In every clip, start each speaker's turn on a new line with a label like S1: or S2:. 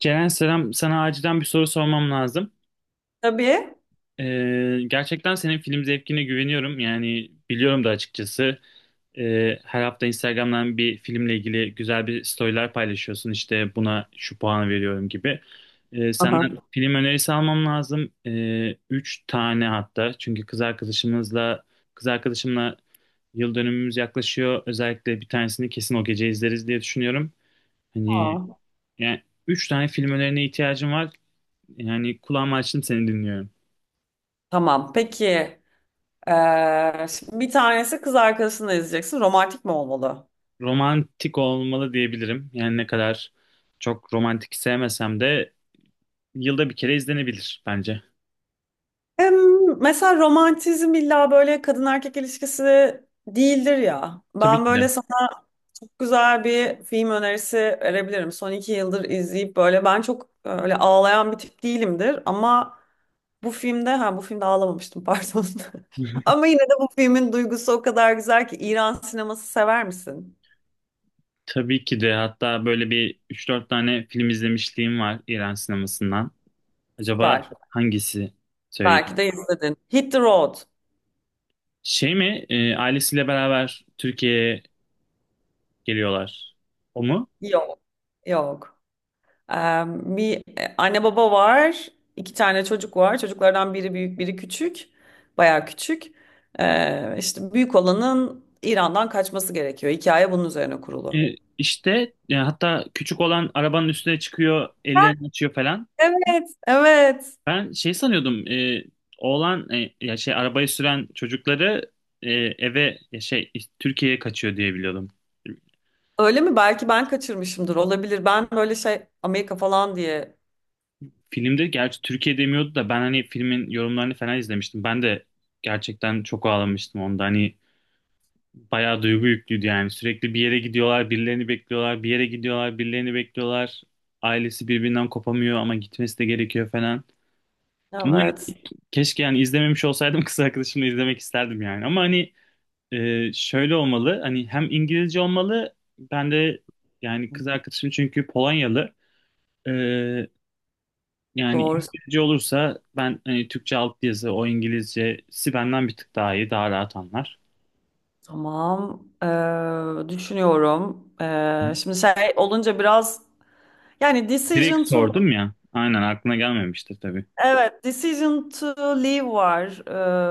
S1: Ceren selam. Sana acilen bir soru sormam lazım.
S2: Tabii.
S1: Gerçekten senin film zevkine güveniyorum. Yani biliyorum da açıkçası. Her hafta Instagram'dan bir filmle ilgili güzel bir storyler paylaşıyorsun. İşte buna şu puanı veriyorum gibi.
S2: Aha.
S1: Senden film önerisi almam lazım. Üç tane hatta. Çünkü kız arkadaşımla yıl dönümümüz yaklaşıyor. Özellikle bir tanesini kesin o gece izleriz diye düşünüyorum. Hani
S2: Aa.
S1: yani üç tane film önerine ihtiyacım var. Yani kulağımı açtım seni dinliyorum.
S2: Tamam. Peki. Şimdi bir tanesi kız arkadaşını izleyeceksin. Romantik mi olmalı?
S1: Romantik olmalı diyebilirim. Yani ne kadar çok romantik sevmesem de yılda bir kere izlenebilir bence.
S2: Em, Mesela romantizm illa böyle kadın erkek ilişkisi değildir ya.
S1: Tabii
S2: Ben
S1: ki de.
S2: böyle sana çok güzel bir film önerisi verebilirim. Son iki yıldır izleyip böyle ben çok öyle ağlayan bir tip değilimdir. Ama bu filmde ağlamamıştım, pardon. Ama yine de bu filmin duygusu o kadar güzel ki. İran sineması sever misin?
S1: Tabii ki de. Hatta böyle bir üç dört tane film izlemişliğim var İran sinemasından. Acaba
S2: Süper.
S1: hangisi
S2: Belki
S1: söyleyeyim?
S2: de izledin. Hit the Road.
S1: Şey mi? Ailesiyle beraber Türkiye'ye geliyorlar. O mu?
S2: Yok. Yok. Ee, Bir anne baba var. İki tane çocuk var. Çocuklardan biri büyük, biri küçük. Bayağı küçük. İşte büyük olanın İran'dan kaçması gerekiyor. Hikaye bunun üzerine kurulu.
S1: İşte hatta küçük olan arabanın üstüne çıkıyor, ellerini açıyor falan.
S2: Evet, evet.
S1: Ben şey sanıyordum, oğlan, ya şey arabayı süren çocukları, eve ya şey Türkiye'ye kaçıyor diye biliyordum.
S2: Öyle mi? Belki ben kaçırmışımdır. Olabilir. Ben böyle şey Amerika falan diye.
S1: Filmde gerçi Türkiye demiyordu da ben hani filmin yorumlarını falan izlemiştim. Ben de gerçekten çok ağlamıştım onda. Hani bayağı duygu yüklüydü yani. Sürekli bir yere gidiyorlar, birilerini bekliyorlar, bir yere gidiyorlar, birilerini bekliyorlar. Ailesi birbirinden kopamıyor ama gitmesi de gerekiyor falan. Ama hani
S2: Evet.
S1: keşke yani izlememiş olsaydım kız arkadaşımla izlemek isterdim yani. Ama hani şöyle olmalı, hani hem İngilizce olmalı, ben de yani kız arkadaşım çünkü Polonyalı. Ee, Yani
S2: Doğru.
S1: İngilizce olursa ben hani Türkçe alt yazı, o İngilizcesi benden bir tık daha iyi, daha rahat anlar.
S2: Tamam. Düşünüyorum.
S1: Hı.
S2: Şimdi şey olunca biraz yani
S1: Direkt
S2: decision to...
S1: sordum ya, aynen aklına gelmemiştir tabii.
S2: Evet, Decision to Leave var.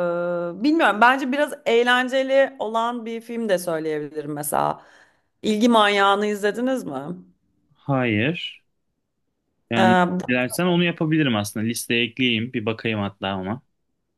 S2: Bilmiyorum. Bence biraz eğlenceli olan bir film de söyleyebilirim mesela. İlgi Manyağı'nı izlediniz mi?
S1: Hayır, yani
S2: Ee,
S1: dilersen onu yapabilirim aslında, listeye ekleyeyim bir bakayım hatta ama.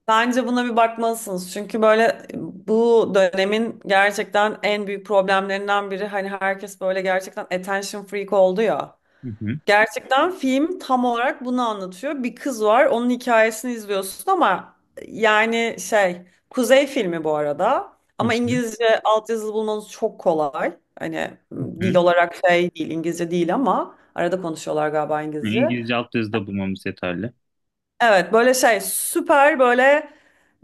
S2: Bence buna bir bakmalısınız. Çünkü böyle bu dönemin gerçekten en büyük problemlerinden biri, hani herkes böyle gerçekten attention freak oldu ya.
S1: Hı hı,
S2: Gerçekten film tam olarak bunu anlatıyor. Bir kız var, onun hikayesini izliyorsun ama yani şey, Kuzey filmi bu arada.
S1: hı
S2: Ama
S1: hı,
S2: İngilizce altyazılı bulmanız çok kolay. Hani
S1: hı hı.
S2: dil olarak şey değil, İngilizce değil, ama arada konuşuyorlar galiba İngilizce.
S1: İngilizce alt da bulmamız yeterli.
S2: Evet, böyle şey süper, böyle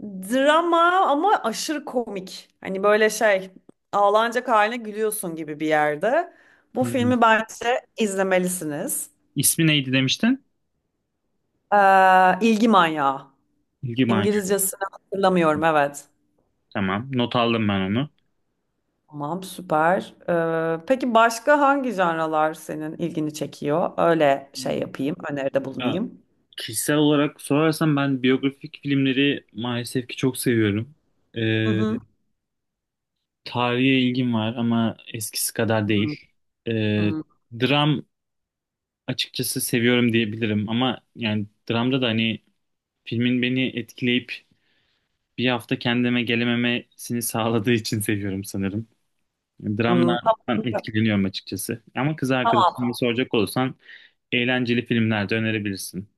S2: drama ama aşırı komik. Hani böyle şey ağlanacak haline gülüyorsun gibi bir yerde. Bu
S1: Hı hı.
S2: filmi bence izlemelisiniz.
S1: İsmi neydi demiştin?
S2: İlgi manyağı.
S1: İlgi.
S2: İngilizcesini hatırlamıyorum, evet.
S1: Tamam. Not aldım ben onu.
S2: Tamam, süper. Peki başka hangi janralar senin ilgini çekiyor? Öyle şey yapayım, öneride
S1: Ya,
S2: bulunayım.
S1: kişisel olarak sorarsan ben biyografik filmleri maalesef ki çok seviyorum.
S2: Hı
S1: Ee,
S2: hı.
S1: Tarihe ilgim var ama eskisi kadar değil.
S2: Hı
S1: Ee,
S2: hı.
S1: Dram açıkçası seviyorum diyebilirim, ama yani dramda da hani filmin beni etkileyip bir hafta kendime gelememesini sağladığı için seviyorum sanırım.
S2: Hmm.
S1: Dramlardan
S2: Tamam.
S1: etkileniyorum açıkçası. Ama kız
S2: Tamam.
S1: arkadaşına soracak olursan eğlenceli filmler de önerebilirsin.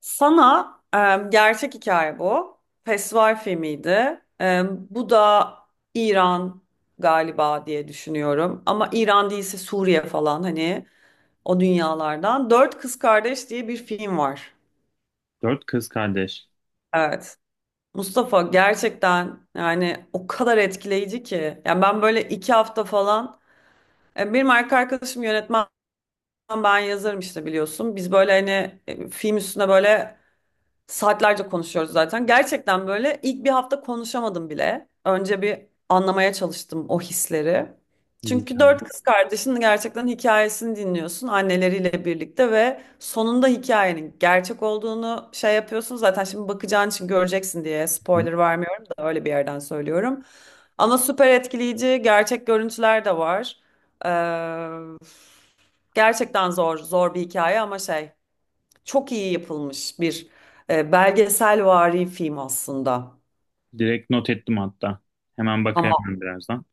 S2: Sana gerçek hikaye bu. Festival filmiydi. E, bu da İran galiba diye düşünüyorum. Ama İran değilse Suriye falan, hani o dünyalardan. Dört Kız Kardeş diye bir film var.
S1: Dört Kız Kardeş.
S2: Evet. Mustafa, gerçekten yani o kadar etkileyici ki. Yani ben böyle iki hafta falan, benim erkek arkadaşım yönetmen, ben yazarım işte, biliyorsun. Biz böyle hani film üstüne böyle saatlerce konuşuyoruz zaten. Gerçekten böyle ilk bir hafta konuşamadım bile. Önce bir anlamaya çalıştım o hisleri.
S1: Değil
S2: Çünkü
S1: ya.
S2: dört kız kardeşin gerçekten hikayesini dinliyorsun anneleriyle birlikte ve sonunda hikayenin gerçek olduğunu şey yapıyorsun. Zaten şimdi bakacağın için göreceksin diye
S1: Hı.
S2: spoiler vermiyorum da öyle bir yerden söylüyorum. Ama süper etkileyici gerçek görüntüler de var. Ee, Gerçekten zor bir hikaye ama şey, çok iyi yapılmış bir belgeselvari film aslında.
S1: Direkt not ettim hatta. Hemen bakayım
S2: Ama
S1: ben birazdan.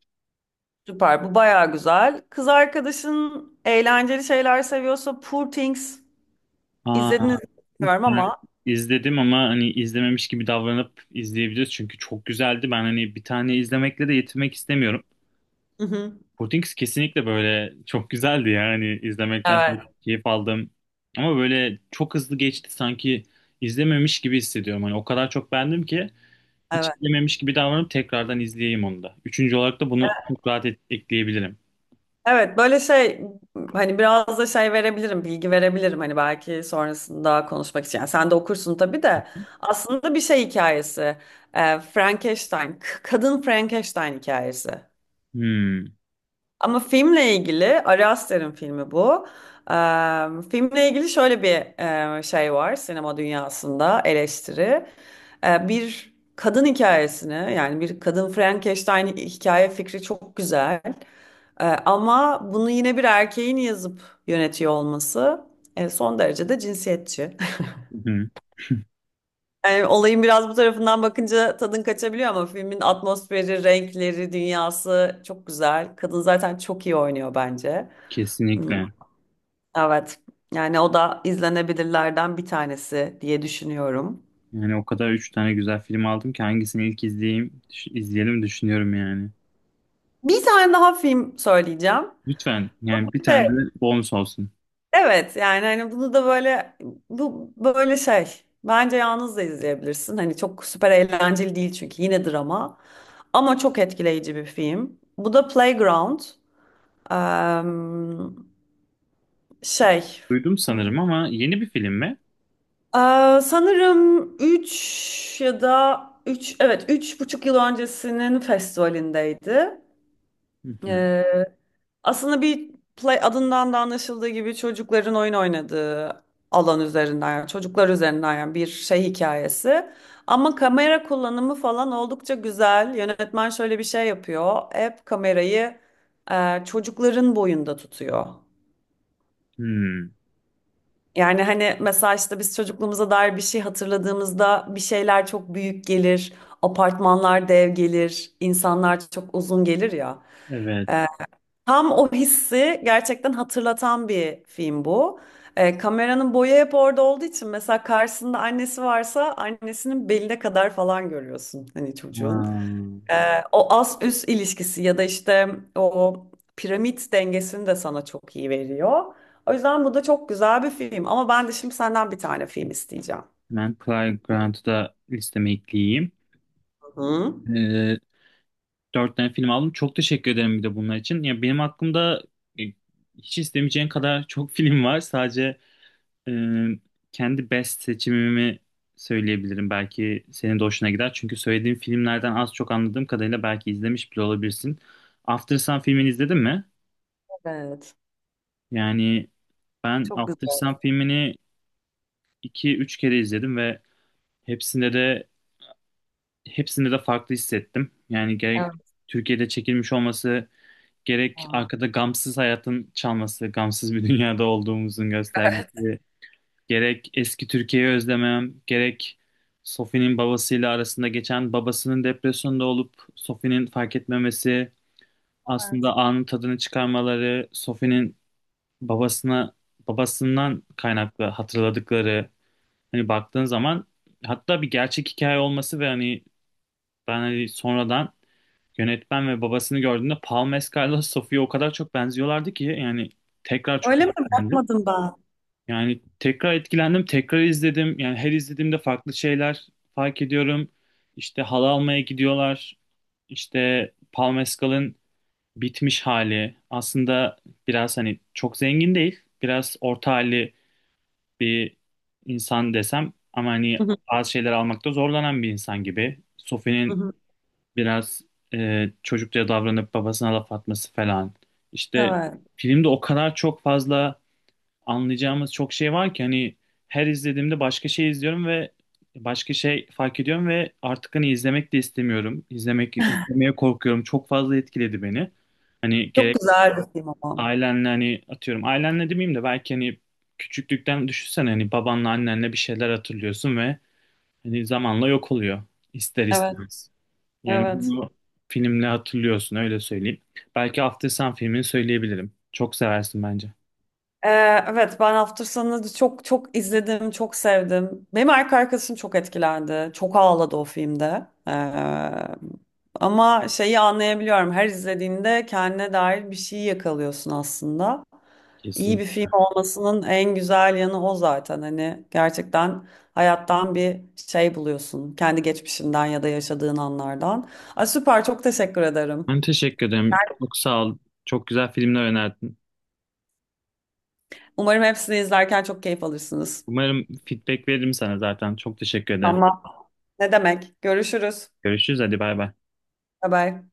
S2: süper. Bu baya güzel. Kız arkadaşın eğlenceli şeyler seviyorsa Poor Things
S1: Aa,
S2: izlediniz mi bilmiyorum
S1: ben
S2: ama.
S1: izledim ama hani izlememiş gibi davranıp izleyebiliriz. Çünkü çok güzeldi. Ben hani bir tane izlemekle de yetinmek istemiyorum.
S2: Hı hı.
S1: Portings kesinlikle böyle çok güzeldi ya. Hani izlemekten
S2: Evet,
S1: çok keyif aldım. Ama böyle çok hızlı geçti, sanki izlememiş gibi hissediyorum. Hani o kadar çok beğendim ki hiç
S2: evet.
S1: izlememiş gibi davranıp tekrardan izleyeyim onu da. Üçüncü olarak da bunu çok rahat ekleyebilirim.
S2: Evet, böyle şey, hani biraz da şey verebilirim, bilgi verebilirim, hani belki sonrasında konuşmak için. Yani sen de okursun tabii de. Aslında bir şey hikayesi. E, Frankenstein, kadın Frankenstein hikayesi.
S1: Hmm.
S2: Ama filmle ilgili, Ari Aster'in filmi bu. Filmle ilgili şöyle bir şey var sinema dünyasında, eleştiri. Bir kadın hikayesini, yani bir kadın Frankenstein hikaye fikri çok güzel. Ama bunu yine bir erkeğin yazıp yönetiyor olması son derece de cinsiyetçi.
S1: Hı hı.
S2: Yani olayın biraz bu tarafından bakınca tadın kaçabiliyor, ama filmin atmosferi, renkleri, dünyası çok güzel. Kadın zaten çok iyi oynuyor bence. Hmm.
S1: Kesinlikle.
S2: Evet. Yani o da izlenebilirlerden bir tanesi diye düşünüyorum.
S1: Yani o kadar üç tane güzel film aldım ki hangisini ilk izleyeyim, izleyelim düşünüyorum yani.
S2: Bir tane daha film söyleyeceğim.
S1: Lütfen yani bir tane
S2: De,
S1: de bonus olsun.
S2: evet, yani hani bunu da böyle, bu böyle şey. Bence yalnız da izleyebilirsin. Hani çok süper eğlenceli değil çünkü yine drama. Ama çok etkileyici bir film. Bu da Playground. Eee, Şey.
S1: Duydum sanırım ama yeni bir film mi?
S2: Sanırım 3 ya da 3, evet, üç buçuk yıl öncesinin festivalindeydi.
S1: Hı hı.
S2: Aslında bir, play adından da anlaşıldığı gibi, çocukların oyun oynadığı alan üzerinden, yani çocuklar üzerinden, yani bir şey hikayesi. Ama kamera kullanımı falan oldukça güzel. Yönetmen şöyle bir şey yapıyor. Hep kamerayı çocukların boyunda tutuyor.
S1: Hmm.
S2: Yani hani mesela işte biz çocukluğumuza dair bir şey hatırladığımızda bir şeyler çok büyük gelir, apartmanlar dev gelir, insanlar çok uzun gelir ya.
S1: Evet.
S2: E, tam o hissi gerçekten hatırlatan bir film bu. Kameranın boyu hep orada olduğu için, mesela karşısında annesi varsa annesinin beline kadar falan görüyorsun hani
S1: Ha.
S2: çocuğun. O ast üst ilişkisi ya da işte o piramit dengesini de sana çok iyi veriyor. O yüzden bu da çok güzel bir film, ama ben de şimdi senden bir tane film isteyeceğim.
S1: Hemen Cary Grant'ı da listeme ekleyeyim.
S2: Hı?
S1: Ee, Dört tane film aldım. Çok teşekkür ederim bir de bunlar için. Ya benim aklımda e, hiç istemeyeceğin kadar çok film var. Sadece Ee, kendi best seçimimi söyleyebilirim. Belki senin de hoşuna gider. Çünkü söylediğim filmlerden az çok anladığım kadarıyla belki izlemiş bile olabilirsin. After Sun filmini izledin mi?
S2: Evet.
S1: Yani ben
S2: Çok güzel.
S1: After Sun filmini iki üç kere izledim ve hepsinde de hepsinde de farklı hissettim. Yani gerek
S2: Evet.
S1: Türkiye'de çekilmiş olması, gerek
S2: Tamam.
S1: arkada gamsız hayatın çalması, gamsız bir dünyada olduğumuzun göstergesi, gerek eski Türkiye'yi özlemem, gerek Sophie'nin babasıyla arasında geçen, babasının depresyonda olup Sophie'nin fark etmemesi, aslında anın tadını çıkarmaları, Sophie'nin babasına, babasından kaynaklı hatırladıkları, hani baktığın zaman, hatta bir gerçek hikaye olması ve hani ben hani sonradan yönetmen ve babasını gördüğümde Paul Mescal'la Sophie'ye o kadar çok benziyorlardı ki yani tekrar çok
S2: Öyle mi?
S1: etkilendim.
S2: Bakmadım ben.
S1: Yani tekrar etkilendim, tekrar izledim. Yani her izlediğimde farklı şeyler fark ediyorum. İşte halı almaya gidiyorlar. İşte Paul Mescal'ın bitmiş hali. Aslında biraz hani çok zengin değil. Biraz orta halli bir insan desem. Ama hani
S2: Hı hı,
S1: bazı şeyler almakta zorlanan bir insan gibi.
S2: hı
S1: Sophie'nin
S2: hı.
S1: biraz, çocukça davranıp babasına laf atması falan. İşte
S2: Evet.
S1: filmde o kadar çok fazla anlayacağımız çok şey var ki hani her izlediğimde başka şey izliyorum ve başka şey fark ediyorum ve artık hani izlemek de istemiyorum. İzlemek, izlemeye korkuyorum. Çok fazla etkiledi beni. Hani
S2: Çok
S1: gerek
S2: güzel bir film ama.
S1: ailenle, hani atıyorum ailenle demeyeyim de belki hani küçüklükten düşünsene, hani babanla annenle bir şeyler hatırlıyorsun ve hani zamanla yok oluyor ister
S2: Evet.
S1: istemez. Yani
S2: Evet.
S1: bunu filmle hatırlıyorsun, öyle söyleyeyim. Belki After Sun filmini söyleyebilirim. Çok seversin bence.
S2: Ee, evet, ben hafta sonu çok izledim, çok sevdim. Benim erkek arkadaşım çok etkilendi. Çok ağladı o filmde. Ama şeyi anlayabiliyorum. Her izlediğinde kendine dair bir şey yakalıyorsun aslında. İyi
S1: Kesin.
S2: bir film olmasının en güzel yanı o zaten. Hani gerçekten hayattan bir şey buluyorsun. Kendi geçmişinden ya da yaşadığın anlardan. Ay, süper, çok teşekkür ederim.
S1: Ben teşekkür ederim. Çok sağ ol. Çok güzel filmler önerdin.
S2: Umarım hepsini izlerken çok keyif alırsınız.
S1: Umarım feedback veririm sana zaten. Çok teşekkür ederim.
S2: Tamam. Ne demek? Görüşürüz.
S1: Görüşürüz. Hadi bay bay.
S2: Bye bye.